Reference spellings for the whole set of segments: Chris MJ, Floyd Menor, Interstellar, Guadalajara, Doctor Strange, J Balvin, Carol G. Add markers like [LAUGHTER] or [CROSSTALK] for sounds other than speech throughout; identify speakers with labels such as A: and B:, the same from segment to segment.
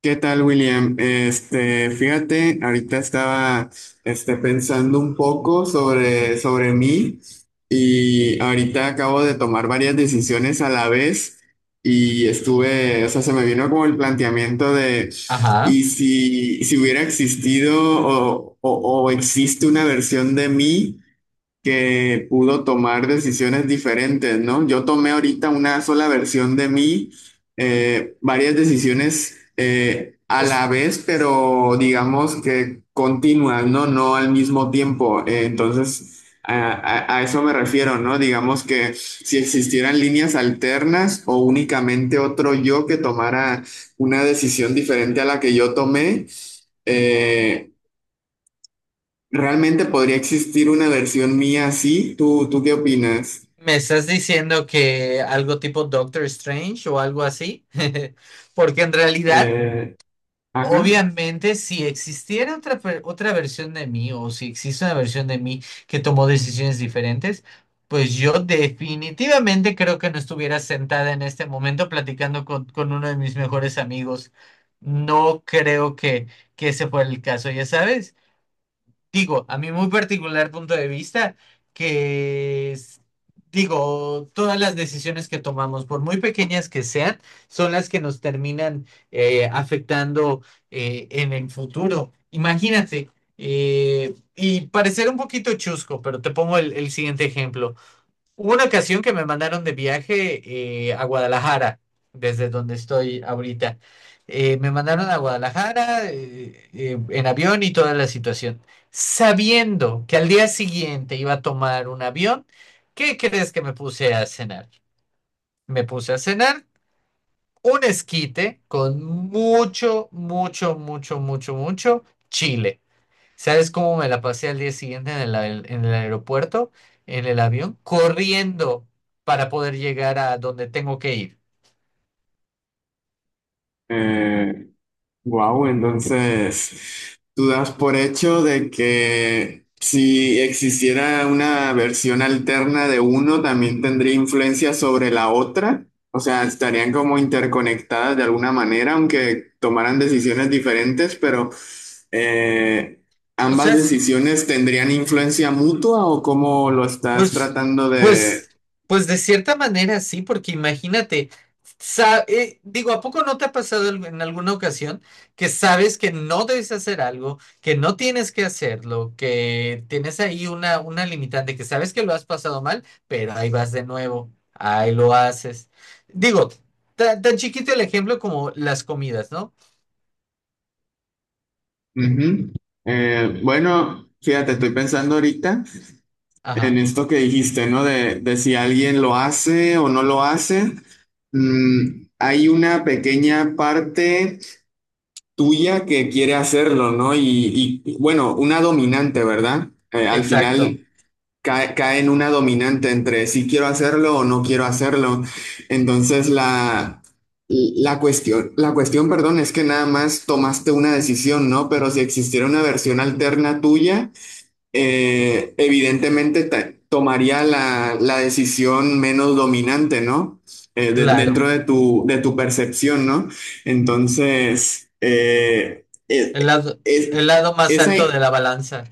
A: ¿Qué tal, William? Fíjate, ahorita estaba, pensando un poco sobre mí. Y ahorita acabo de tomar varias decisiones a la vez y estuve, o sea, se me vino como el planteamiento de:
B: Ajá.
A: ¿y si hubiera existido o existe una versión de mí que pudo tomar decisiones diferentes, ¿no? Yo tomé ahorita una sola versión de mí, varias decisiones a
B: Us-
A: la vez, pero digamos que continuas, ¿no? No al mismo tiempo. Entonces, a eso me refiero, ¿no? Digamos que si existieran líneas alternas o únicamente otro yo que tomara una decisión diferente a la que yo tomé, eh, realmente podría existir una versión mía así. ¿Tú qué opinas?
B: ¿Me estás diciendo que algo tipo Doctor Strange o algo así? [LAUGHS] Porque en realidad,
A: Eh, ajá.
B: obviamente, si existiera otra versión de mí, o si existe una versión de mí que tomó decisiones diferentes, pues yo definitivamente creo que no estuviera sentada en este momento platicando con uno de mis mejores amigos. No creo que ese fuera el caso, ya sabes. Digo, a mi muy particular punto de vista, que es- digo, todas las decisiones que tomamos, por muy pequeñas que sean, son las que nos terminan afectando en el futuro. Imagínate, y parecer un poquito chusco, pero te pongo el siguiente ejemplo. Hubo una ocasión que me mandaron de viaje a Guadalajara, desde donde estoy ahorita. Me mandaron a Guadalajara en avión y toda la situación, sabiendo que al día siguiente iba a tomar un avión. ¿Qué crees que me puse a cenar? Me puse a cenar un esquite con mucho, mucho, mucho, mucho, mucho chile. ¿Sabes cómo me la pasé al día siguiente en en el aeropuerto, en el avión, corriendo para poder llegar a donde tengo que ir?
A: Eh, Wow, entonces tú das por hecho de que si existiera una versión alterna de uno, también tendría influencia sobre la otra. O sea, estarían como interconectadas de alguna manera, aunque tomaran decisiones diferentes, pero eh,
B: O
A: ambas
B: sea,
A: decisiones tendrían influencia mutua, o cómo lo estás
B: pues,
A: tratando de...
B: pues, pues de cierta manera sí, porque imagínate, digo, ¿a poco no te ha pasado en alguna ocasión que sabes que no debes hacer algo, que no tienes que hacerlo, que tienes ahí una limitante, que sabes que lo has pasado mal, pero ahí vas de nuevo, ahí lo haces? Digo, tan chiquito el ejemplo como las comidas, ¿no?
A: Ujú. Bueno, fíjate, estoy pensando ahorita en
B: Ajá,
A: esto que dijiste, ¿no? De si alguien lo hace o no lo hace, hay una pequeña parte tuya que quiere hacerlo, ¿no? Bueno, una dominante, ¿verdad? Al
B: exacto,
A: final cae en una dominante entre si quiero hacerlo o no quiero hacerlo. Entonces perdón, es que nada más tomaste una decisión, ¿no? Pero si existiera una versión alterna tuya, evidentemente tomaría la decisión menos dominante, ¿no? Eh, de-
B: claro,
A: dentro de tu percepción, ¿no? Entonces,
B: el lado,
A: es-
B: el lado más
A: esa,
B: alto de la balanza.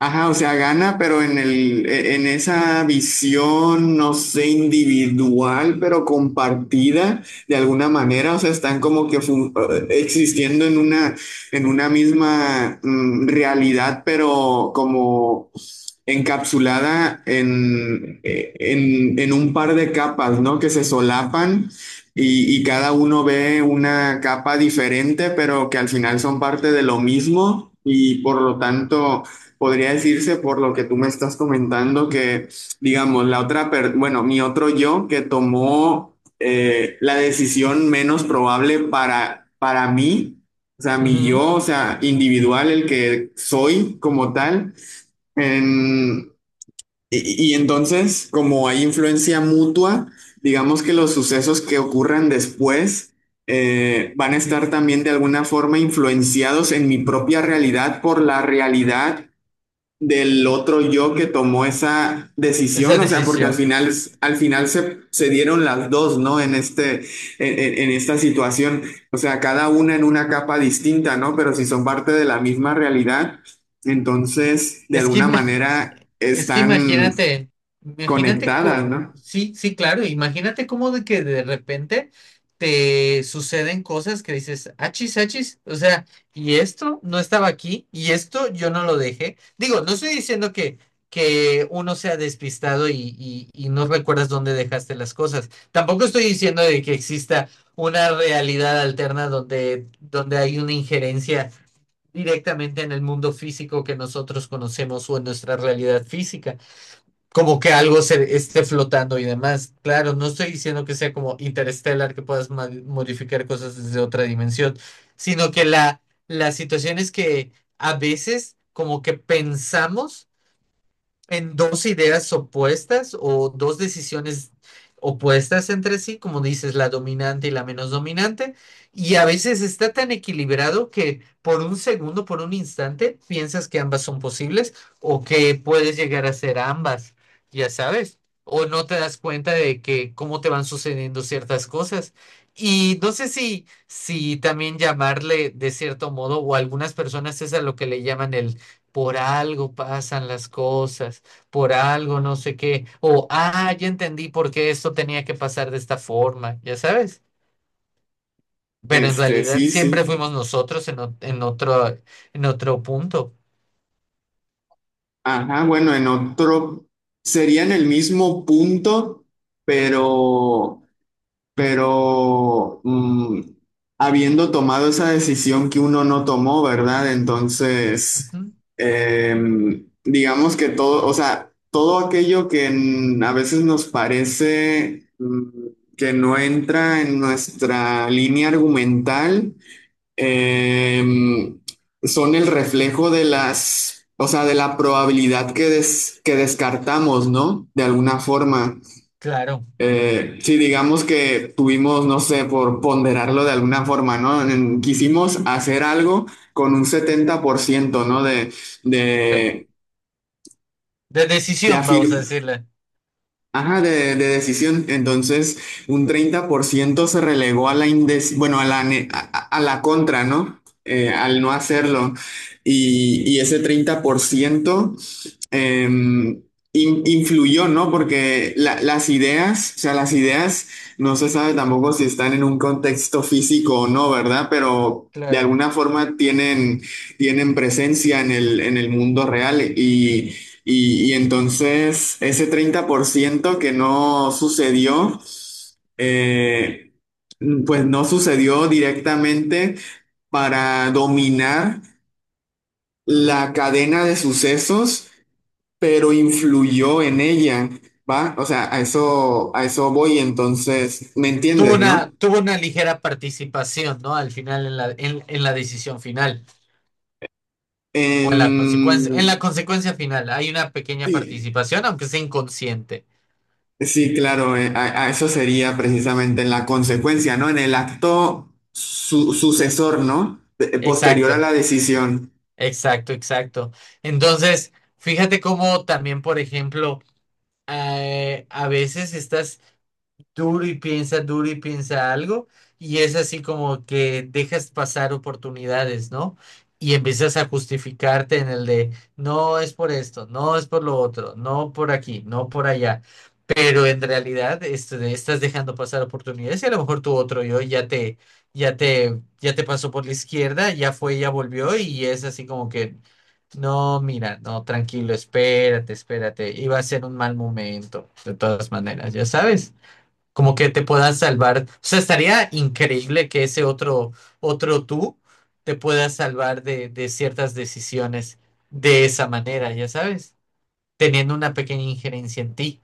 A: ajá, o sea, gana, pero en en esa visión, no sé, individual, pero compartida de alguna manera. O sea, están como que existiendo en una misma realidad, pero como encapsulada en un par de capas, ¿no? Que se solapan y cada uno ve una capa diferente, pero que al final son parte de lo mismo y por lo tanto... Podría decirse, por lo que tú me estás comentando, que, digamos, la otra, bueno, mi otro yo que tomó, la decisión menos probable para mí, o sea, mi
B: Ujú.
A: yo, o sea, individual, el que soy como tal, en- y entonces, como hay influencia mutua, digamos que los sucesos que ocurran después, van a estar también de alguna forma influenciados en mi propia realidad por la realidad del otro yo que tomó esa
B: Esa
A: decisión. O sea, porque al
B: decisión.
A: final, al final se dieron las dos, ¿no? En En esta situación, o sea, cada una en una capa distinta, ¿no? Pero si son parte de la misma realidad, entonces, de
B: Es que
A: alguna
B: imagi-
A: manera,
B: es que
A: están
B: imagínate, imagínate,
A: conectadas,
B: co-
A: ¿no?
B: sí, sí, claro, imagínate cómo de que de repente te suceden cosas que dices, achis, achis, o sea, y esto no estaba aquí, y esto yo no lo dejé. Digo, no estoy diciendo que uno sea despistado y no recuerdas dónde dejaste las cosas. Tampoco estoy diciendo de que exista una realidad alterna donde hay una injerencia directamente en el mundo físico que nosotros conocemos o en nuestra realidad física, como que algo se esté flotando y demás. Claro, no estoy diciendo que sea como interstellar, que puedas modificar cosas desde otra dimensión, sino que la situación es que a veces como que pensamos en dos ideas opuestas o dos decisiones opuestas entre sí, como dices, la dominante y la menos dominante, y a veces está tan equilibrado que por un segundo, por un instante, piensas que ambas son posibles o que puedes llegar a ser ambas, ya sabes, o no te das cuenta de que cómo te van sucediendo ciertas cosas. Y no sé si, si también llamarle de cierto modo, o algunas personas es a lo que le llaman el por algo pasan las cosas por algo, no sé qué, o, ah, ya entendí por qué esto tenía que pasar de esta forma, ya sabes, pero en realidad
A: Sí,
B: siempre
A: sí.
B: fuimos nosotros en otro punto.
A: Ajá, bueno, en otro... Sería en el mismo punto, pero... pero habiendo tomado esa decisión que uno no tomó, ¿verdad?
B: Ujú.
A: Entonces, digamos que todo, o sea, todo aquello que, a veces nos parece, que no entra en nuestra línea argumental, em, son el reflejo de las, o sea, de la probabilidad que descartamos, ¿no? De alguna forma.
B: Claro,
A: Si digamos que tuvimos, no sé, por ponderarlo de alguna forma, ¿no? Quisimos hacer algo con un 70%, ¿no?
B: de,
A: De,
B: de
A: de
B: decisión,
A: afir-
B: vamos a decirle,
A: Ajá, de decisión. Entonces, un 30% se relegó a la indes, bueno, a la, ne- a- la contra, ¿no? Al no hacerlo. Y ese 30% em, influyó, ¿no? Porque las ideas, o sea, las ideas, no se sabe tampoco si están en un contexto físico o no, ¿verdad? Pero de
B: claro.
A: alguna forma tienen presencia en el mundo real. Y entonces ese 30% que no sucedió, eh, pues no sucedió directamente para dominar la cadena de sucesos, pero influyó en ella, ¿va? O sea, a eso voy, entonces, ¿me entiendes, no?
B: Tuvo una ligera participación, ¿no? Al final, en en la decisión final, o en la
A: Em,
B: consecuencia final, hay una pequeña
A: sí.
B: participación, aunque sea inconsciente.
A: Sí, claro, a eso sería precisamente en la consecuencia, ¿no? En el acto sucesor, ¿no? Posterior a
B: Exacto.
A: la decisión.
B: Exacto, exacto. Entonces, fíjate cómo también, por ejemplo, a veces estás duro y piensa algo, y es así como que dejas pasar oportunidades, ¿no? Y empiezas a justificarte en el de, no es por esto, no es por lo otro, no por aquí, no por allá. Pero en realidad estás dejando pasar oportunidades y a lo mejor tu otro yo ya ya te pasó por la izquierda, ya fue, ya volvió y es así como que, no, mira, no, tranquilo, espérate, espérate, iba a ser un mal momento, de todas maneras, ya sabes, como que te puedas salvar, o sea, estaría increíble que ese otro tú te pueda salvar de ciertas decisiones de esa manera, ya sabes, teniendo una pequeña injerencia en ti.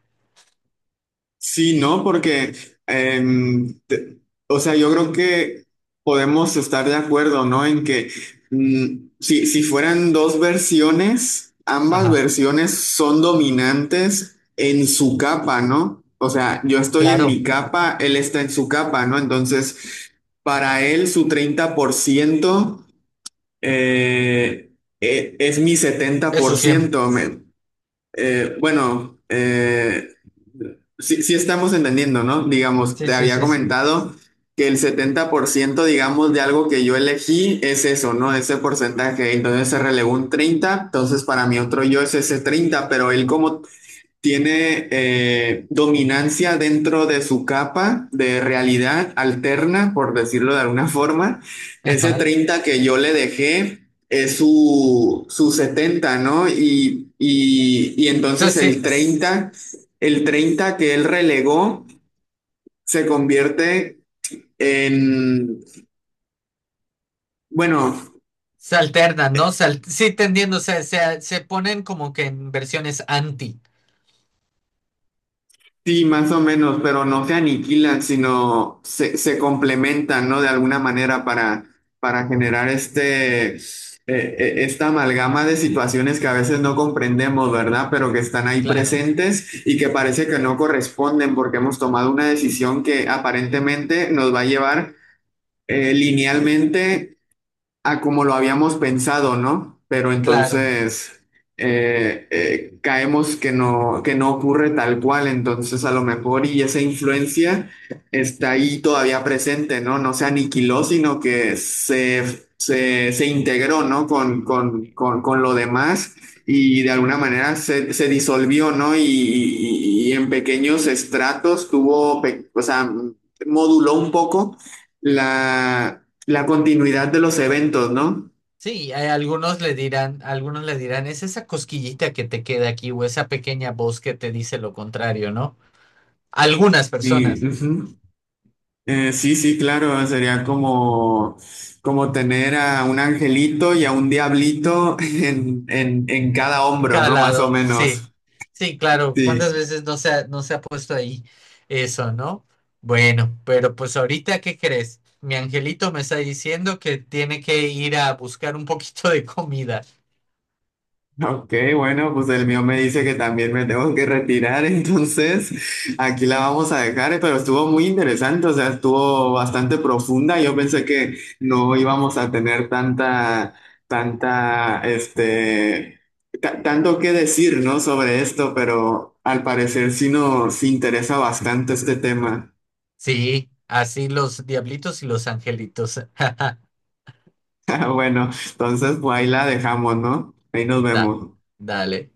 A: Sí, ¿no? Porque, em, te- o sea, yo creo que podemos estar de acuerdo, ¿no? En que, si fueran dos versiones, ambas
B: Ajá,
A: versiones son dominantes en su capa, ¿no? O sea, yo estoy en mi
B: claro.
A: capa, él está en su capa, ¿no? Entonces, para él su 30% eh, es mi
B: Eso siempre.
A: 70%. Bueno, sí, sí estamos entendiendo, ¿no? Digamos,
B: Sí,
A: te
B: sí,
A: había
B: sí, sí.
A: comentado que el 70%, digamos, de algo que yo elegí es eso, ¿no? Ese porcentaje. Entonces se relegó un 30, entonces para mí otro yo es ese 30, pero él, como tiene, dominancia dentro de su capa de realidad alterna, por decirlo de alguna forma. Ese
B: Ajá. O
A: 30 que yo le dejé es su 70, ¿no? Y
B: sea,
A: entonces el treinta, el
B: s-
A: treinta que él relegó se convierte en, bueno...
B: se alternan, ¿no? Sí, te entiendo, se ponen como que en versiones anti.
A: Sí, más o menos, pero no se aniquilan, sino se complementan, ¿no? De alguna manera, para generar esta amalgama de situaciones que a veces no comprendemos, ¿verdad? Pero que están ahí
B: Claro,
A: presentes y que parece que no corresponden porque hemos tomado una decisión que aparentemente nos va a llevar linealmente a como lo habíamos pensado, ¿no? Pero
B: claro.
A: entonces caemos que no ocurre tal cual. Entonces a lo mejor y esa influencia está ahí todavía presente, ¿no? No se aniquiló, sino que se integró, ¿no? Con lo demás, y de alguna
B: Sí,
A: manera se disolvió, ¿no? Y en pequeños estratos o sea, moduló un poco la la continuidad de los eventos, ¿no?
B: sí, hay algunos le dirán, es esa cosquillita que te queda aquí o esa pequeña voz que te dice lo contrario, ¿no? Algunas
A: Sí,
B: personas.
A: ujú. Sí, sí, claro, sería como tener a un angelito y a un diablito [LAUGHS] en, en cada
B: En
A: hombro,
B: cada
A: ¿no? Más o
B: lado,
A: menos.
B: sí, sí, claro, ¿cuántas
A: Sí.
B: veces no no se ha puesto ahí eso, no? Bueno, pero pues ahorita, ¿qué crees? Mi angelito me está diciendo que tiene que ir a buscar un poquito de comida.
A: Ok, bueno, pues el mío me dice que también me tengo que retirar, [LAUGHS] entonces aquí la vamos a dejar. Eh, pero estuvo muy interesante, o sea, estuvo bastante profunda. Yo pensé que no íbamos a tener tanta, este, tanto que decir, ¿no? Sobre esto, pero al parecer sí nos interesa bastante este tema.
B: Sí, así los diablitos y los angelitos. [LAUGHS]
A: [LAUGHS] Bueno, entonces pues ahí la dejamos, ¿no? Ahí nos
B: Da-
A: vemos.
B: dale.